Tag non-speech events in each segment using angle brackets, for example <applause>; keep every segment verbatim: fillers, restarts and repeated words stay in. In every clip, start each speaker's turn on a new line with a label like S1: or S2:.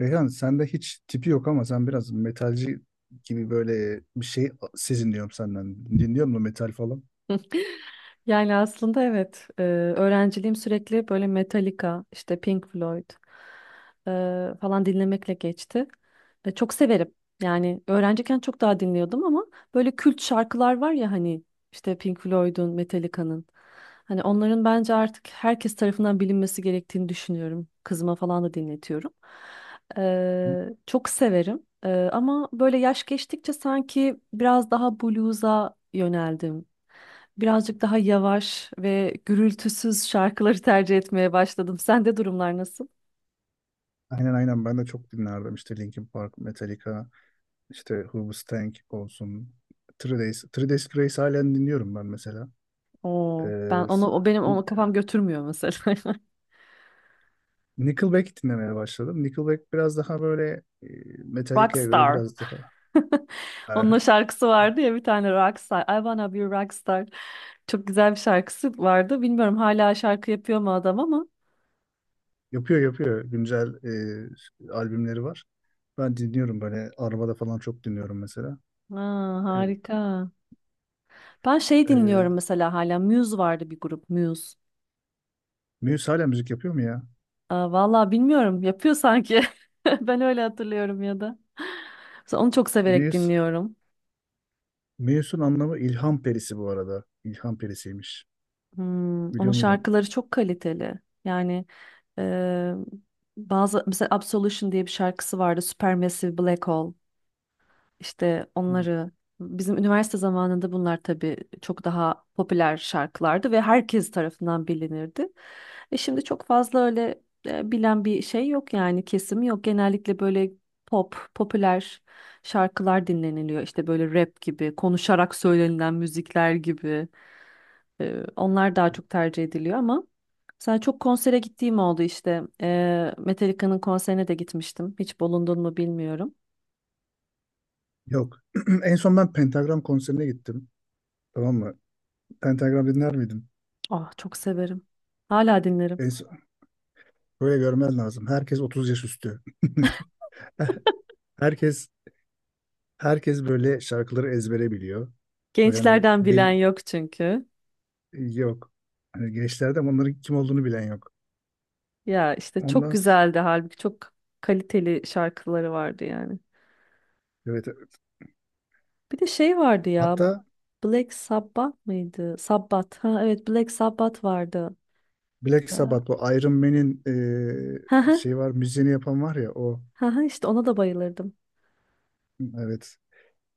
S1: Reyhan sende hiç tipi yok ama sen biraz metalci gibi böyle bir şey seziniyorum senden. Dinliyor musun metal falan?
S2: Yani aslında evet, e, öğrenciliğim sürekli böyle Metallica, işte Pink Floyd e, falan dinlemekle geçti. E, çok severim. Yani öğrenciyken çok daha dinliyordum ama böyle kült şarkılar var ya hani işte Pink Floyd'un, Metallica'nın. Hani onların bence artık herkes tarafından bilinmesi gerektiğini düşünüyorum. Kızıma falan da dinletiyorum. E, çok severim. E, ama böyle yaş geçtikçe sanki biraz daha blues'a yöneldim. Birazcık daha yavaş ve gürültüsüz şarkıları tercih etmeye başladım. Sende durumlar nasıl?
S1: Aynen aynen ben de çok dinlerdim işte Linkin Park, Metallica, işte Who Tank olsun. Three Days, Three Days Grace halen dinliyorum ben mesela.
S2: Oo, ben
S1: Ee,
S2: onu
S1: s-
S2: o benim onu kafam götürmüyor mesela. <laughs>
S1: Nickelback dinlemeye başladım. Nickelback biraz daha böyle e, Metallica'ya göre
S2: Rockstar.
S1: biraz daha e,
S2: <laughs> Onun o şarkısı vardı ya bir tane Rockstar. I wanna be a rockstar. Çok güzel bir şarkısı vardı. Bilmiyorum hala şarkı yapıyor mu adam ama.
S1: yapıyor yapıyor güncel e, albümleri var. Ben dinliyorum, böyle arabada falan çok dinliyorum mesela.
S2: Aa,
S1: E,
S2: harika. Ben şey
S1: Ee,
S2: dinliyorum mesela hala. Muse vardı bir grup Muse.
S1: Muse hala müzik yapıyor mu ya?
S2: Aa, vallahi bilmiyorum yapıyor sanki. <laughs> Ben öyle hatırlıyorum ya da. Mesela onu çok severek
S1: Muse,
S2: dinliyorum.
S1: Muse'un anlamı ilham perisi bu arada. İlham perisiymiş.
S2: Hmm, onun
S1: Biliyor muydun?
S2: şarkıları çok kaliteli. Yani e, bazı mesela Absolution diye bir şarkısı vardı. Supermassive Black Hole. İşte onları bizim üniversite zamanında bunlar tabii çok daha popüler şarkılardı ve herkes tarafından bilinirdi. E şimdi çok fazla öyle e, bilen bir şey yok yani kesim yok. Genellikle böyle pop, popüler şarkılar dinleniliyor. İşte böyle rap gibi, konuşarak söylenilen müzikler gibi. E, onlar daha çok tercih ediliyor ama mesela çok konsere gittiğim oldu işte. E, Metallica'nın konserine de gitmiştim. Hiç bulundun mu bilmiyorum.
S1: Yok. <clears throat> En son ben Pentagram konserine gittim. Tamam mı? Pentagram dinler miydin?
S2: Ah çok severim. Hala dinlerim.
S1: En son- Böyle görmen lazım. Herkes otuz yaş üstü. <laughs> Herkes herkes böyle şarkıları ezbere biliyor. Böyle hani
S2: Gençlerden bilen
S1: bil
S2: yok çünkü.
S1: Yok. Hani gençlerde bunların kim olduğunu bilen yok.
S2: Ya işte çok
S1: Ondan s-
S2: güzeldi halbuki çok kaliteli şarkıları vardı yani.
S1: evet, evet.
S2: Bir de şey vardı ya.
S1: Hatta
S2: Black Sabbath mıydı? Sabbath. Ha evet Black Sabbath vardı.
S1: Black
S2: Ee,
S1: Sabbath, o Iron Man'in
S2: Ha
S1: e,
S2: ha
S1: şey var, müziğini yapan var ya o.
S2: ha ha, işte ona da bayılırdım.
S1: Evet.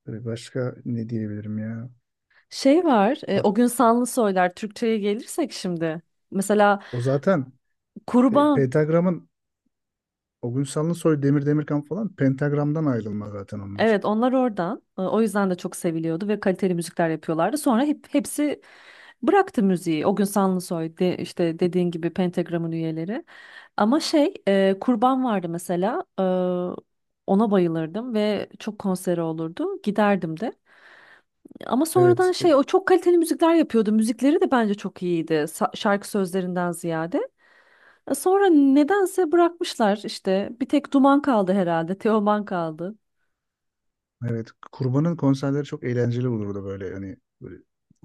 S1: E, başka ne diyebilirim ya?
S2: Şey var. e, o
S1: A-
S2: gün Sanlı Soylar Türkçe'ye gelirsek şimdi. Mesela
S1: O zaten, e,
S2: Kurban.
S1: Pentagram'ın, o gün Sanlısoy, Demir Demirkan falan Pentagram'dan ayrılma zaten onlar.
S2: Evet onlar oradan. E, O yüzden de çok seviliyordu ve kaliteli müzikler yapıyorlardı. Sonra hep, hepsi bıraktı müziği. O gün Sanlısoy de, işte dediğin gibi Pentagram'ın üyeleri. Ama şey e, Kurban vardı mesela. E, ona bayılırdım ve çok konseri olurdu. Giderdim de. Ama sonradan
S1: Evet. E,
S2: şey o çok kaliteli müzikler yapıyordu. Müzikleri de bence çok iyiydi, sa- şarkı sözlerinden ziyade. E, Sonra nedense bırakmışlar işte. Bir tek Duman kaldı herhalde. Teoman kaldı.
S1: evet, Kurban'ın konserleri çok eğlenceli olurdu, böyle hani böyle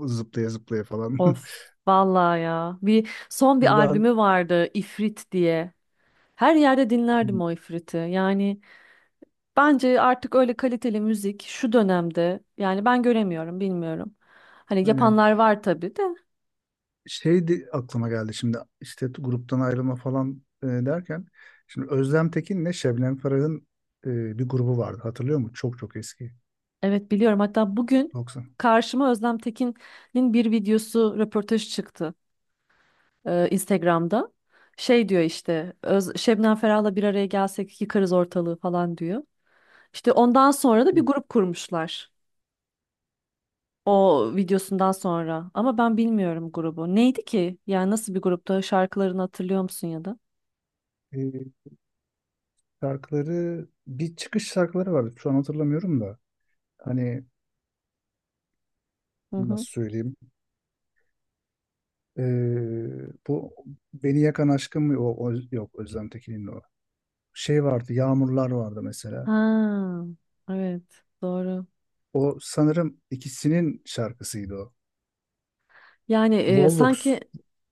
S1: zıplaya zıplaya falan.
S2: Of. Vallahi ya. Bir
S1: <laughs>
S2: son bir
S1: Kurban.
S2: albümü vardı İfrit diye. Her yerde dinlerdim
S1: Hı.
S2: o İfrit'i. Yani bence artık öyle kaliteli müzik şu dönemde yani ben göremiyorum, bilmiyorum. Hani
S1: Aynen.
S2: yapanlar var tabii de.
S1: Şey de aklıma geldi şimdi, işte gruptan ayrılma falan e, derken, şimdi Özlem Tekin'le Şebnem Ferah'ın e, bir grubu vardı, hatırlıyor musun? Çok çok eski,
S2: Evet biliyorum. Hatta bugün
S1: doksan.
S2: karşıma Özlem Tekin'in bir videosu, röportaj çıktı e, Instagram'da. Şey diyor işte, Öz Şebnem Ferah'la bir araya gelsek yıkarız ortalığı falan diyor. İşte ondan sonra da bir grup kurmuşlar. O videosundan sonra. Ama ben bilmiyorum grubu. Neydi ki? Yani nasıl bir grupta? Şarkılarını hatırlıyor musun ya da?
S1: E, Şarkıları, bir çıkış şarkıları vardı, şu an hatırlamıyorum da. Hani,
S2: Hı
S1: nasıl
S2: hı.
S1: söyleyeyim. E, Bu Beni Yakan Aşkım mı? O, o- yok, Özlem Tekin'in o. Şey vardı, Yağmurlar vardı mesela,
S2: Ha, evet, doğru.
S1: o sanırım ikisinin şarkısıydı o.
S2: Yani e, sanki
S1: Volvox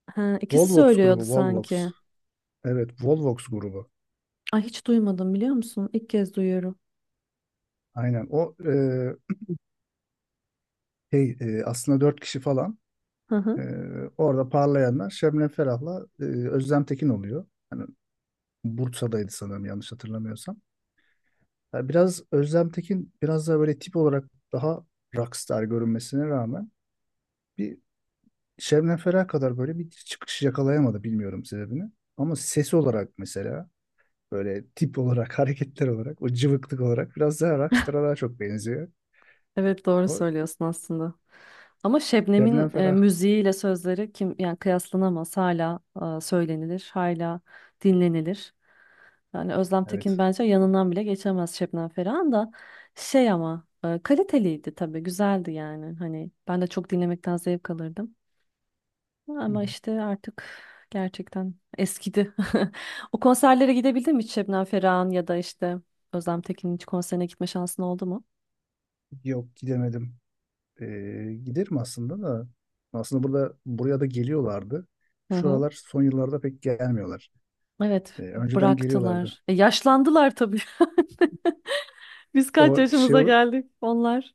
S2: ha, ikisi
S1: Volvox
S2: söylüyordu
S1: grubu Volvox
S2: sanki.
S1: Evet, Volvox grubu.
S2: Ay hiç duymadım biliyor musun? İlk kez duyuyorum.
S1: Aynen. O, e, şey, e, aslında dört kişi falan.
S2: Hı hı.
S1: E, Orada parlayanlar Şebnem Ferah'la e, Özlem Tekin oluyor. Hani Bursa'daydı sanırım, yanlış hatırlamıyorsam. Ya biraz Özlem Tekin biraz daha böyle tip olarak daha rockstar görünmesine rağmen, bir Şebnem Ferah kadar böyle bir çıkış yakalayamadı, bilmiyorum sebebini. Ama sesi olarak mesela, böyle tip olarak <laughs> hareketler olarak, o cıvıklık olarak biraz daha rockstar'a daha çok benziyor.
S2: Evet doğru
S1: O
S2: söylüyorsun aslında. Ama
S1: Şebnem
S2: Şebnem'in e,
S1: Ferah.
S2: müziğiyle sözleri kim yani kıyaslanamaz. Hala e, söylenilir, hala dinlenilir. Yani Özlem Tekin
S1: Evet.
S2: bence yanından bile geçemez Şebnem Ferah'ın da şey ama e, kaliteliydi tabii, güzeldi yani. Hani ben de çok dinlemekten zevk alırdım. Ama işte artık gerçekten eskidi. <laughs> O konserlere gidebildin mi hiç Şebnem Ferah'ın ya da işte Özlem Tekin'in hiç konserine gitme şansın oldu mu?
S1: Yok, gidemedim. Ee, Giderim aslında da. Aslında burada buraya da geliyorlardı.
S2: Hı hı.
S1: Şuralar, son yıllarda pek gelmiyorlar.
S2: Evet,
S1: Ee, önceden geliyorlardı.
S2: bıraktılar. E, yaşlandılar tabii. <laughs> Biz kaç
S1: O şey
S2: yaşımıza geldik onlar?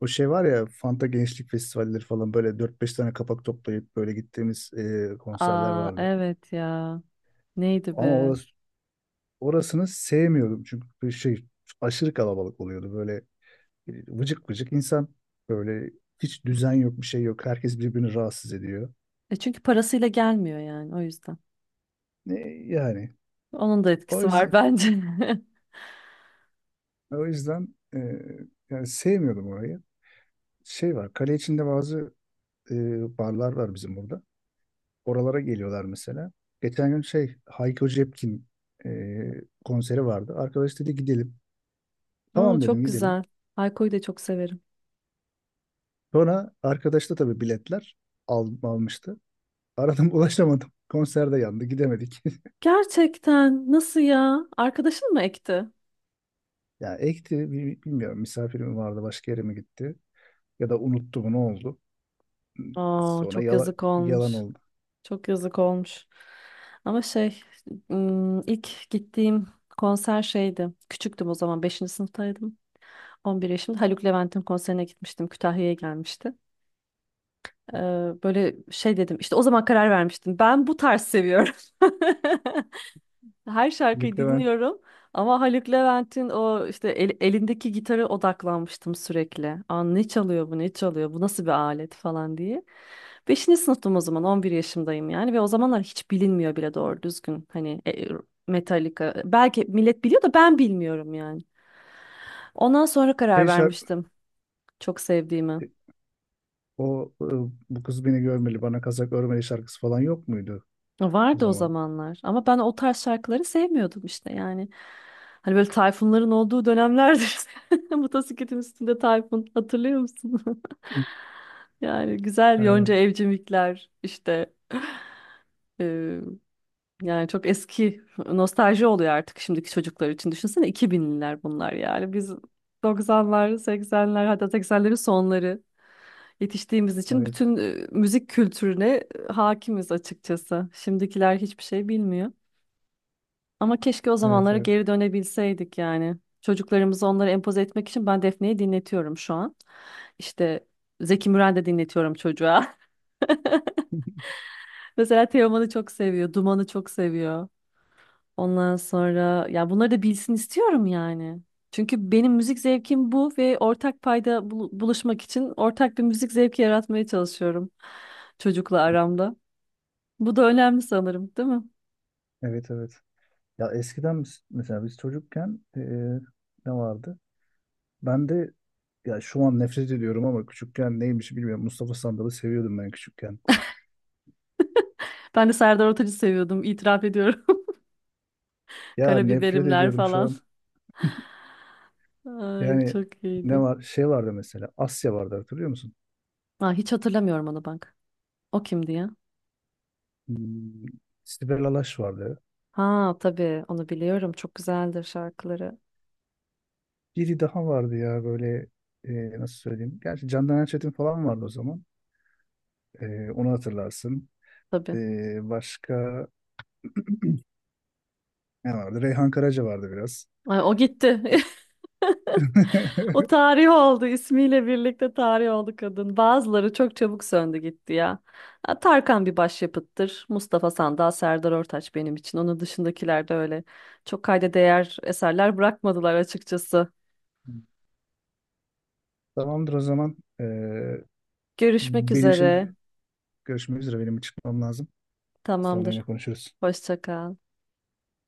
S1: o şey var ya, Fanta Gençlik Festivalleri falan, böyle dört beş tane kapak toplayıp böyle gittiğimiz e, konserler
S2: Aa
S1: vardı.
S2: evet ya. Neydi
S1: Ama
S2: be?
S1: orası, Orasını sevmiyordum çünkü bir şey aşırı kalabalık oluyordu, böyle e, vıcık vıcık insan, böyle hiç düzen yok, bir şey yok, herkes birbirini rahatsız ediyor.
S2: E çünkü parasıyla gelmiyor yani o yüzden.
S1: Ne yani,
S2: Onun da
S1: o
S2: etkisi var
S1: yüzden.
S2: bence.
S1: E, O yüzden e, Yani sevmiyordum orayı. Şey var, kale içinde bazı e, barlar var bizim burada. Oralara geliyorlar mesela. Geçen gün şey, Hayko Cepkin e, konseri vardı. Arkadaş dedi gidelim.
S2: <laughs> Aa,
S1: Tamam dedim,
S2: çok
S1: gidelim.
S2: güzel. Hayko'yu da çok severim.
S1: Sonra arkadaş da tabii biletler al, almıştı. Aradım <laughs> ulaşamadım. Konserde yandı, gidemedik. <laughs>
S2: Gerçekten nasıl ya? Arkadaşın mı ekti?
S1: Ya ekti, bi- bilmiyorum, misafir mi vardı, başka yere mi gitti, ya da unuttu mu, ne oldu.
S2: Aa
S1: Sonra
S2: çok
S1: yala-
S2: yazık
S1: Yalan
S2: olmuş.
S1: oldu.
S2: Çok yazık olmuş. Ama şey ım, ilk gittiğim konser şeydi. Küçüktüm o zaman beşinci sınıftaydım. On bir yaşımda Haluk Levent'in konserine gitmiştim. Kütahya'ya gelmişti. Ee, böyle şey dedim işte o zaman karar vermiştim. Ben bu tarz seviyorum. <laughs> Her
S1: Lük
S2: şarkıyı
S1: Levent.
S2: dinliyorum ama Haluk Levent'in o işte el- elindeki gitara odaklanmıştım sürekli. Aa, ne çalıyor bu ne çalıyor bu nasıl bir alet falan diye. Beşinci sınıftım o zaman on bir yaşımdayım yani ve o zamanlar hiç bilinmiyor bile doğru düzgün hani e, Metallica belki millet biliyor da ben bilmiyorum yani. Ondan sonra karar
S1: şey şarkı,
S2: vermiştim çok sevdiğimi.
S1: O e, bu kız beni görmeli, bana kazak örmeli şarkısı falan yok muydu o
S2: Vardı o
S1: zaman?
S2: zamanlar ama ben o tarz şarkıları sevmiyordum işte yani. Hani böyle Tayfunların olduğu dönemlerdir. <laughs> Motosikletin üstünde Tayfun hatırlıyor musun? <laughs>
S1: Hı.
S2: Yani güzel Yonca
S1: Aynen.
S2: Evcimikler işte e, yani çok eski nostalji oluyor artık şimdiki çocuklar için. Düşünsene iki binliler bunlar yani biz doksanlar seksenler hatta seksenlerin sonları yetiştiğimiz için
S1: Evet.
S2: bütün e, müzik kültürüne e, hakimiz açıkçası. Şimdikiler hiçbir şey bilmiyor. Ama keşke o
S1: Evet,
S2: zamanlara
S1: evet.
S2: geri dönebilseydik yani. Çocuklarımızı onlara empoze etmek için ben Defne'yi dinletiyorum şu an. İşte Zeki Müren de dinletiyorum çocuğa. <laughs> Mesela Teoman'ı çok seviyor, Duman'ı çok seviyor. Ondan sonra ya bunları da bilsin istiyorum yani. Çünkü benim müzik zevkim bu ve ortak payda bul- buluşmak için ortak bir müzik zevki yaratmaya çalışıyorum çocukla aramda. Bu da önemli sanırım, değil mi?
S1: Evet, evet. Ya eskiden biz, mesela biz çocukken, e, ne vardı? Ben de, ya şu an nefret ediyorum ama küçükken neymiş bilmiyorum. Mustafa Sandal'ı seviyordum ben küçükken.
S2: Ben de Serdar Ortaç'ı seviyordum, itiraf ediyorum. <laughs>
S1: Ya nefret
S2: Karabiberimler
S1: ediyorum şu
S2: falan.
S1: an.
S2: Ay,
S1: Yani
S2: çok
S1: ne
S2: iyiydi.
S1: var? Şey vardı mesela, Asya vardı, hatırlıyor musun?
S2: Aa, hiç hatırlamıyorum onu bak. O kimdi ya?
S1: Hmm, Sibel Alaş vardı.
S2: Ha tabii onu biliyorum. Çok güzeldir şarkıları.
S1: Biri daha vardı ya, böyle, e, nasıl söyleyeyim? Gerçi Candan Erçetin falan vardı o zaman. Ee, onu hatırlarsın.
S2: Tabii.
S1: Ee, başka <clears throat> ne vardı? Reyhan Karaca vardı biraz.
S2: Ay, o gitti. <laughs> O
S1: <laughs>
S2: tarih oldu, ismiyle birlikte tarih oldu kadın. Bazıları çok çabuk söndü gitti ya. Ha, Tarkan bir başyapıttır. Mustafa Sandal, Serdar Ortaç benim için. Onun dışındakiler de öyle. Çok kayda değer eserler bırakmadılar açıkçası.
S1: Tamamdır o zaman. Ee,
S2: Görüşmek
S1: benim şimdi
S2: üzere.
S1: görüşmek üzere. Benim çıkmam lazım. Sonra
S2: Tamamdır.
S1: yine konuşuruz.
S2: Hoşça kal.